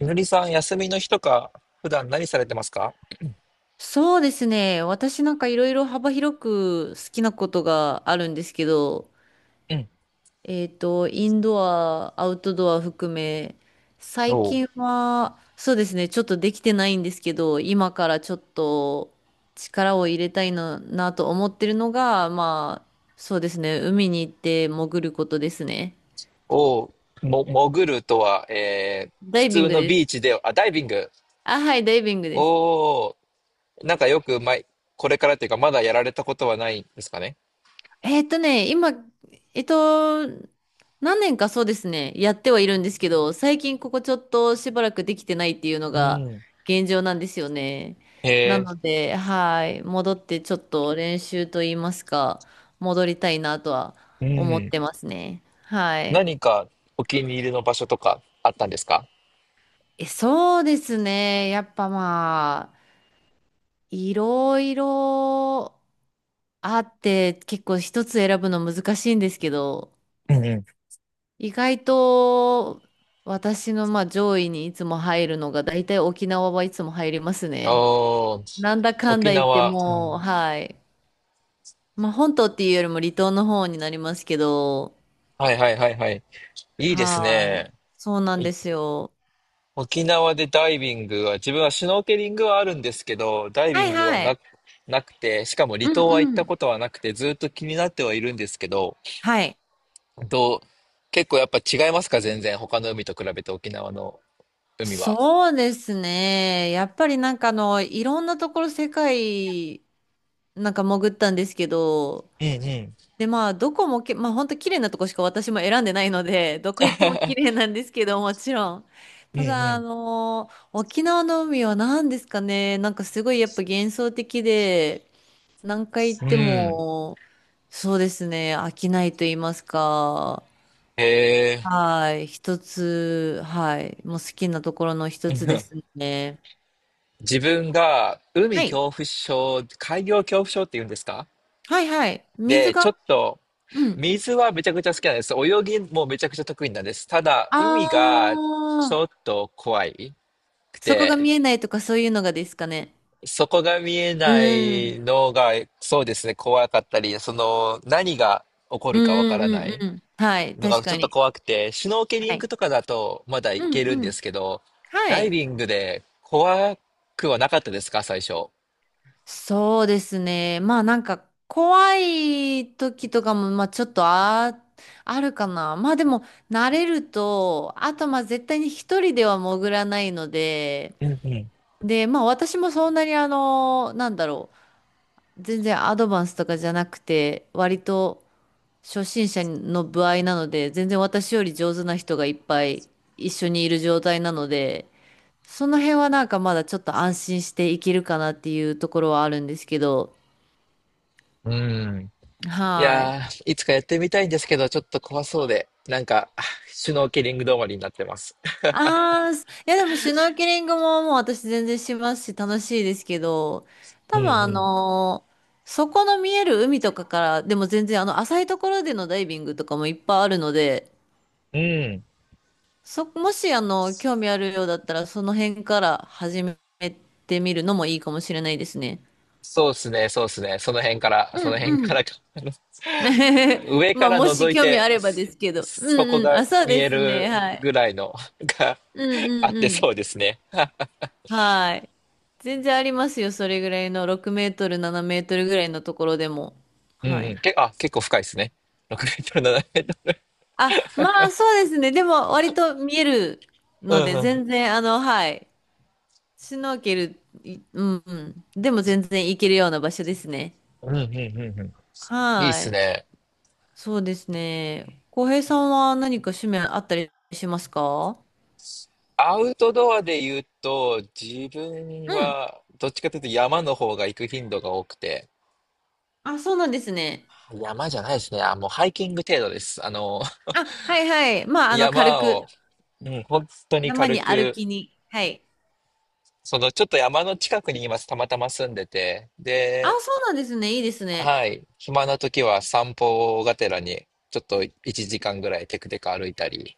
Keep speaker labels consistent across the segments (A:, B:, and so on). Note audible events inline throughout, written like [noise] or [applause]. A: みのりさん、休みの日とか、普段何されてますか？
B: そうですね。私なんかいろいろ幅広く好きなことがあるんですけど、
A: うん。
B: インドア、アウトドア含め、
A: お
B: 最
A: う、
B: 近は、そうですね、ちょっとできてないんですけど、今からちょっと力を入れたいなと思ってるのが、まあ、そうですね、海に行って潜ることですね。
A: おう、も、潜るとは、
B: ダ
A: 普
B: イビン
A: 通
B: グ
A: の
B: で
A: ビ
B: す。
A: ーチで、あ、ダイビング。
B: あ、はい、ダイビングです。
A: おお、なんかよく前、これからっていうか、まだやられたことはないんですかね。
B: 今、えっと、何年かそうですね、やってはいるんですけど、最近ここちょっとしばらくできてないっていうの
A: う
B: が
A: ん。
B: 現状なんですよね。な
A: え
B: ので、はい、戻ってちょっと練習と言いますか、戻りたいなとは
A: う
B: 思ってま
A: ん。
B: すね。はい。
A: 何かお気に入りの場所とかあったんですか？
B: え、そうですね。やっぱまあ、いろいろあって、結構一つ選ぶの難しいんですけど、
A: うんうん。
B: 意外と私のまあ上位にいつも入るのが大体沖縄はいつも入りますね。
A: おー、
B: なんだかんだ
A: 沖
B: 言って
A: 縄。う
B: もう、
A: ん。
B: はい。まあ本島っていうよりも離島の方になりますけど、
A: はいはいはいはい。いいです
B: はい。
A: ね。
B: そうなんですよ。
A: 沖縄でダイビングは、自分はシュノーケリングはあるんですけど、ダイ
B: は
A: ビン
B: い
A: グは
B: はい。
A: なくて、しかも
B: う
A: 離島は行っ
B: んう
A: た
B: ん。
A: ことはなくて、ずっと気になってはいるんですけど、
B: はい。
A: どう、結構やっぱ違いますか？全然他の海と比べて沖縄の海は。
B: そうですね。やっぱりなんかあの、いろんなところ世界なんか潜ったんですけど、
A: うんうん。
B: で、まあ、どこもけ、まあ、本当綺麗なとこしか私も選んでないので、どこ行っても綺麗なんですけど、もちろん。
A: う
B: た
A: んう
B: だ、
A: ん。
B: 沖縄の海は何ですかね、なんかすごいやっぱ幻想的で、何回行っ
A: う
B: て
A: ん。
B: も、そうですね、飽きないと言いますか、
A: へえ。[laughs]
B: はい、一つ、はい、もう好きなところの一
A: う
B: つで
A: ん。
B: すね。
A: 自分が海
B: はい、
A: 恐怖症、海洋恐怖症って言うんですか？
B: はい、はい、水
A: で、ち
B: が、
A: ょっと
B: うん。
A: 水はめちゃくちゃ好きなんです。泳ぎもめちゃくちゃ得意なんです。ただ、
B: あ
A: 海がち
B: あ、
A: ょっと怖いく
B: そこが
A: て、
B: 見えないとかそういうのがですかね。
A: そこが見え
B: う
A: ない
B: ん。
A: のが、そうですね、怖かったり、その、何が起こ
B: うん
A: るかわ
B: う
A: からな
B: んうん
A: い
B: うん。はい、
A: の
B: 確
A: がちょ
B: か
A: っと
B: に。
A: 怖くて、シュノーケリ
B: は
A: ング
B: い。
A: とかだとまだい
B: うん
A: けるん
B: う
A: で
B: ん。
A: すけど、
B: は
A: ダイ
B: い。
A: ビングで怖くはなかったですか、最初。
B: そうですね。まあなんか怖い時とかもまあちょっとあるかな。まあでも慣れると、あとまあ絶対に一人では潜らないので、
A: うんうん。
B: で、まあ私もそんなになんだろう。全然アドバンスとかじゃなくて、割と初心者の歩合なので、全然私より上手な人がいっぱい一緒にいる状態なので、その辺はなんかまだちょっと安心していけるかなっていうところはあるんですけど。
A: うん。い
B: はい。
A: やー、いつかやってみたいんですけど、ちょっと怖そうで、なんか、シュノーケリング止まりになってます。
B: ああ、すいやでもシュノーケリングももう私全然しますし楽しいですけど、
A: う
B: 多
A: んう
B: 分
A: ん。
B: そこの見える海とかから、でも全然あの浅いところでのダイビングとかもいっぱいあるので、
A: うん。
B: もし興味あるようだったらその辺から始めてみるのもいいかもしれないですね。
A: そうっすね、そうっすね。その辺から、
B: う
A: その辺
B: んう
A: か
B: ん
A: らか、
B: [laughs]
A: 上
B: ま
A: か
B: あ、
A: ら
B: もし
A: 覗い
B: 興味
A: て、
B: あればですけど。う
A: そこ
B: んうん。
A: が
B: あ、そう
A: 見
B: で
A: え
B: すね。
A: る
B: はい。
A: ぐらいのが
B: うん
A: あ
B: う
A: っ
B: ん
A: て
B: うん。
A: そうですね。
B: はい。全然ありますよ。それぐらいの6メートル、7メートルぐらいのところでも。
A: うん
B: は
A: うん。
B: い。
A: 結構深いですね。6メートル、7メートル。
B: あ、まあ、そうですね。でも、割と見える
A: う
B: の
A: ん
B: で、
A: うん。
B: 全然、あの、はい。シュノーケル、いうんうん。でも、全然行けるような場所ですね。
A: うんうんうんうん。いいっ
B: は
A: す
B: い。
A: ね。
B: そうですね。浩平さんは何か趣味あったりしますか？
A: アウトドアで言うと、自分
B: うん。
A: は、どっちかというと山の方が行く頻度が多くて、
B: あ、そうなんですね。
A: 山じゃないですね。あ、もうハイキング程度です。あの、
B: あ、はいはい。まあ、軽
A: 山を、
B: く、
A: うん、本当に
B: 山
A: 軽
B: に歩
A: く、
B: きに。はい。
A: そのちょっと山の近くに今たまたま住んでて、
B: あ、
A: で、
B: そうなんですね。いいですね。
A: はい、暇な時は散歩がてらにちょっと1時間ぐらいテクテク歩いたり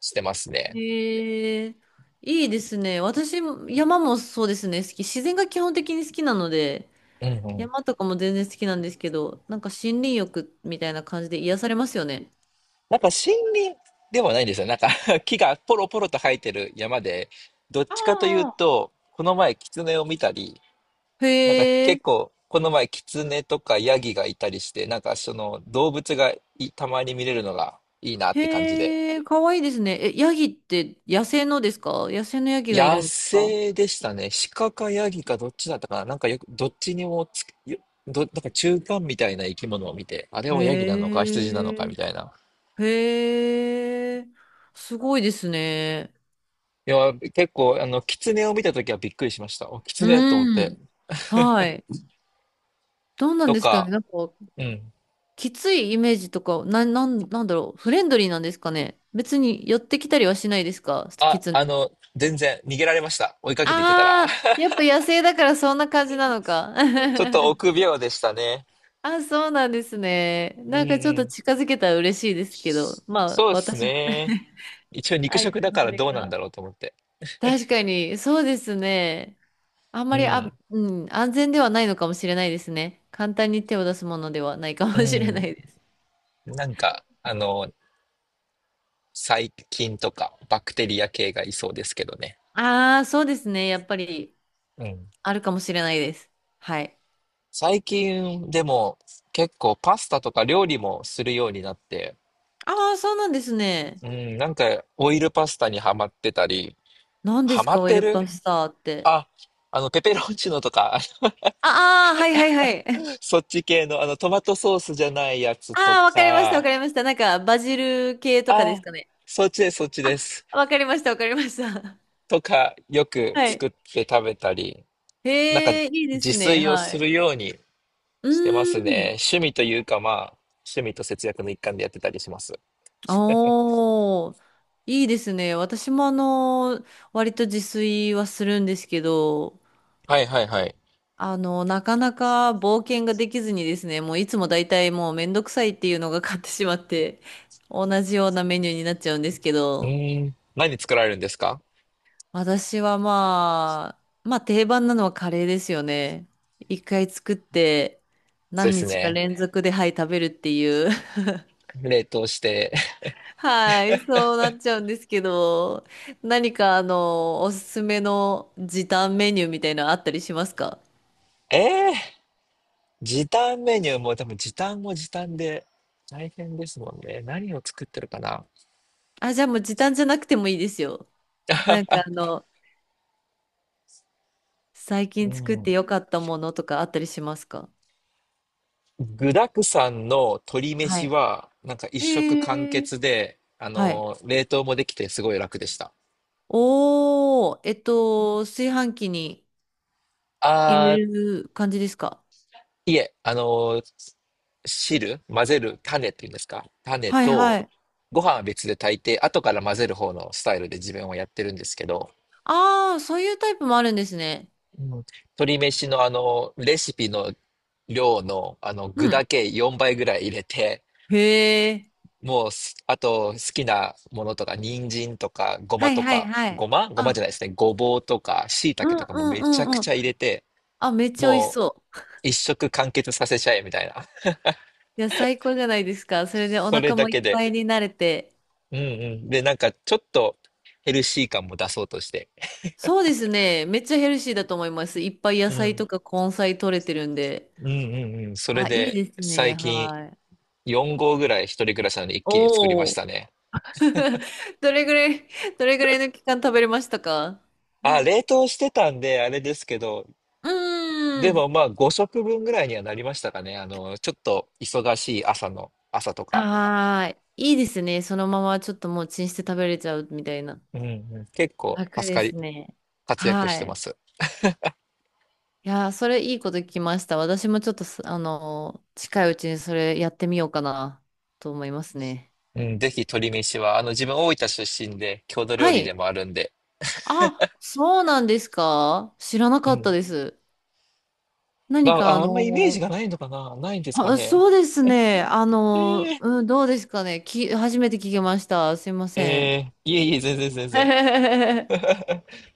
A: してますね。
B: へえ、いいですね。私も、山もそうですね。好き。自然が基本的に好きなので、
A: うんうん。
B: 山とかも全然好きなんですけど、なんか森林浴みたいな感じで癒されますよね。
A: なんか森林ではないんですよ。なんか [laughs] 木がポロポロと生えてる山で、どっちかという
B: あ
A: と、この前キツネを見たり、
B: あ。へ
A: なんか
B: え、
A: 結構この前キツネとかヤギがいたりして、なんかその動物がいたまに見れるのがいいなって感じで。
B: へえ、かわいいですね。え、ヤギって野生のですか？野生のヤギがいる
A: 野
B: んですか？
A: 生でしたね。鹿かヤギかどっちだったかな。なんかよく、どっちにもつく、なんか中間みたいな生き物を見て、あれはヤギなのか
B: へ
A: 羊なのかみ
B: え。
A: たいな。
B: へえ、すごいですね。
A: いや、結構、あの、狐を見たときはびっくりしました。お、狐と思っ
B: う
A: て。
B: ん。はい。どうなん
A: と
B: ですかね。
A: か、
B: なんか、
A: うん。
B: きついイメージとか、なんだろう。フレンドリーなんですかね。別に寄ってきたりはしないですか？き
A: あ、
B: つ
A: あ
B: い。
A: の、全然逃げられました。追いかけていってたら。
B: ああ、
A: [laughs]
B: やっぱ野生だからそんな感じなのか。
A: ちょっと臆
B: [laughs]
A: 病でしたね。
B: あ、そうなんですね。
A: うん
B: なんかちょっ
A: う
B: と
A: ん。
B: 近づけたら嬉しいですけど、まあ、
A: そうです
B: 私もね、
A: ね。
B: [laughs]
A: 一応肉
B: 相
A: 食
B: 手
A: だ
B: の
A: か
B: あ
A: ら
B: れ
A: どうなんだ
B: が。
A: ろうと思って。
B: 確かに、そうですね。あん
A: う
B: まり、あ、
A: ん。
B: うん、安全ではないのかもしれないですね。簡単に手を出すものではないかも
A: う
B: しれな
A: ん。
B: いです。
A: なんか、あの、細菌とかバクテリア系がいそうですけどね。
B: ああ、そうですね。やっぱり、
A: うん。
B: あるかもしれないです。はい。
A: 最近でも結構パスタとか料理もするようになって、
B: ああ、そうなんですね。
A: うん、なんかオイルパスタにハマってたり、
B: 何で
A: ハ
B: す
A: マ
B: か、
A: っ
B: オイ
A: て
B: ル
A: る、
B: パスタって。
A: あ、あのペペロンチーノとか、[laughs] あの
B: ああ、はいはいはい。
A: そっち系のあのトマトソースじゃないや
B: [laughs]
A: つと
B: ああ、わかりました、わ
A: か、
B: かりました。なんか、バジル系とかです
A: あ、
B: かね。
A: そっちです、そっち
B: あ、
A: です。
B: わかりました、わかりました。
A: とか、よ
B: [laughs]
A: く
B: は
A: 作
B: い。
A: って食べたり、なんか
B: へえ、いいで
A: 自
B: すね。
A: 炊を
B: は
A: する
B: い。
A: ように
B: う
A: してます
B: ーん。
A: ね。趣味というか、まあ、趣味と節約の一環でやってたりします。
B: おー、いいですね。私も割と自炊はするんですけど、
A: はいはいはい。
B: なかなか冒険ができずにですね、もういつも大体もうめんどくさいっていうのが勝ってしまって、同じようなメニューになっちゃうんですけ
A: う
B: ど、
A: ーん。何作られるんですか？
B: 私はまあ定番なのはカレーですよね。一回作って
A: そう
B: 何
A: です
B: 日か
A: ね。
B: 連続で、はい、食べるっていう。
A: 冷凍して。
B: はい、そうなっちゃうんですけど、何かおすすめの時短メニューみたいなのあったりしますか？
A: [laughs] ええー時短メニューも、でも時短も時短で大変ですもんね。何を作ってるかな。
B: あ、じゃあもう時短じゃなくてもいいですよ。なんか最
A: う
B: 近作って
A: ん。
B: よかったものとかあったりしますか？
A: 具沢山の鶏
B: は
A: 飯
B: い。
A: は、なんか一食
B: へ
A: 完
B: え。
A: 結で、
B: はい。
A: 冷凍もできてすごい楽でした。
B: おー、炊飯器に入
A: あ
B: れる感じですか？
A: いえ、あの、汁、混ぜる、種っていうんですか。種
B: はいは
A: と、
B: い。
A: ご飯は別で炊いて、後から混ぜる方のスタイルで自分はやってるんですけど、
B: ああ、そういうタイプもあるんですね。
A: うん、鶏飯のあの、レシピの量の、あの、具
B: うん。
A: だけ4倍ぐらい入れて、
B: へえ。
A: もうす、あと、好きなものとか、人参とか、ご
B: は
A: ま
B: い
A: と
B: はい
A: か、
B: は
A: ご
B: い。
A: まごま
B: あ
A: じゃないですね。ごぼうとか、椎
B: う
A: 茸
B: ん
A: とか
B: う
A: も
B: ん
A: め
B: う
A: ちゃく
B: んうん。
A: ちゃ入れて、
B: あ、めっちゃ美味し
A: もう、
B: そう。
A: 一食完結させちゃえ、みたいな。[laughs]
B: いや、最高じゃないですか。それでお
A: それ
B: 腹
A: だ
B: も
A: け
B: いっ
A: で。
B: ぱいになれて。
A: うんうん。で、なんかちょっとヘルシー感も出そうとして。
B: そうですね。めっちゃヘルシーだと思います。いっぱい野
A: う
B: 菜
A: ん。
B: とか根菜取れてるんで。
A: うんうんうん。それ
B: あ、いい
A: で
B: ですね。
A: 最近
B: はい。
A: 4合ぐらい一人暮らしなので一気に作りま
B: お
A: し
B: お。
A: たね。
B: [laughs] どれぐらい、どれぐらいの期間食べれましたか？ [laughs]
A: あ、冷凍してたんであれですけど、
B: う
A: で
B: ーん。
A: もまあ5食分ぐらいにはなりましたかね。あの、ちょっと忙しい朝の、朝とか。
B: はーい。いいですね。そのままちょっともうチンして食べれちゃうみたいな。
A: うんうん。結構
B: 楽
A: 助
B: で
A: か
B: す
A: り、
B: ね。
A: 活躍し
B: は
A: てま
B: い。
A: す。
B: いやー、それいいこと聞きました。私もちょっと近いうちにそれやってみようかなと思いますね。
A: うん、ぜひ鶏飯は、あの自分大分出身で郷土料
B: は
A: 理で
B: い。
A: もあるんで。
B: あ、そうなんですか？知らな
A: う
B: かった
A: ん。
B: です。
A: ま
B: 何
A: あ、
B: か
A: ああんまイメージがないのかなないんですか
B: あ、
A: ね。
B: そうですね。
A: えー
B: うん、どうですかね。初めて聞きました。すいま
A: え
B: せん。
A: えいえいえ、全然全然。
B: [laughs]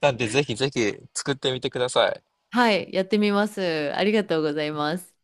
A: なんで、ぜひぜひ作ってみてください。
B: はい、やってみます。ありがとうございます。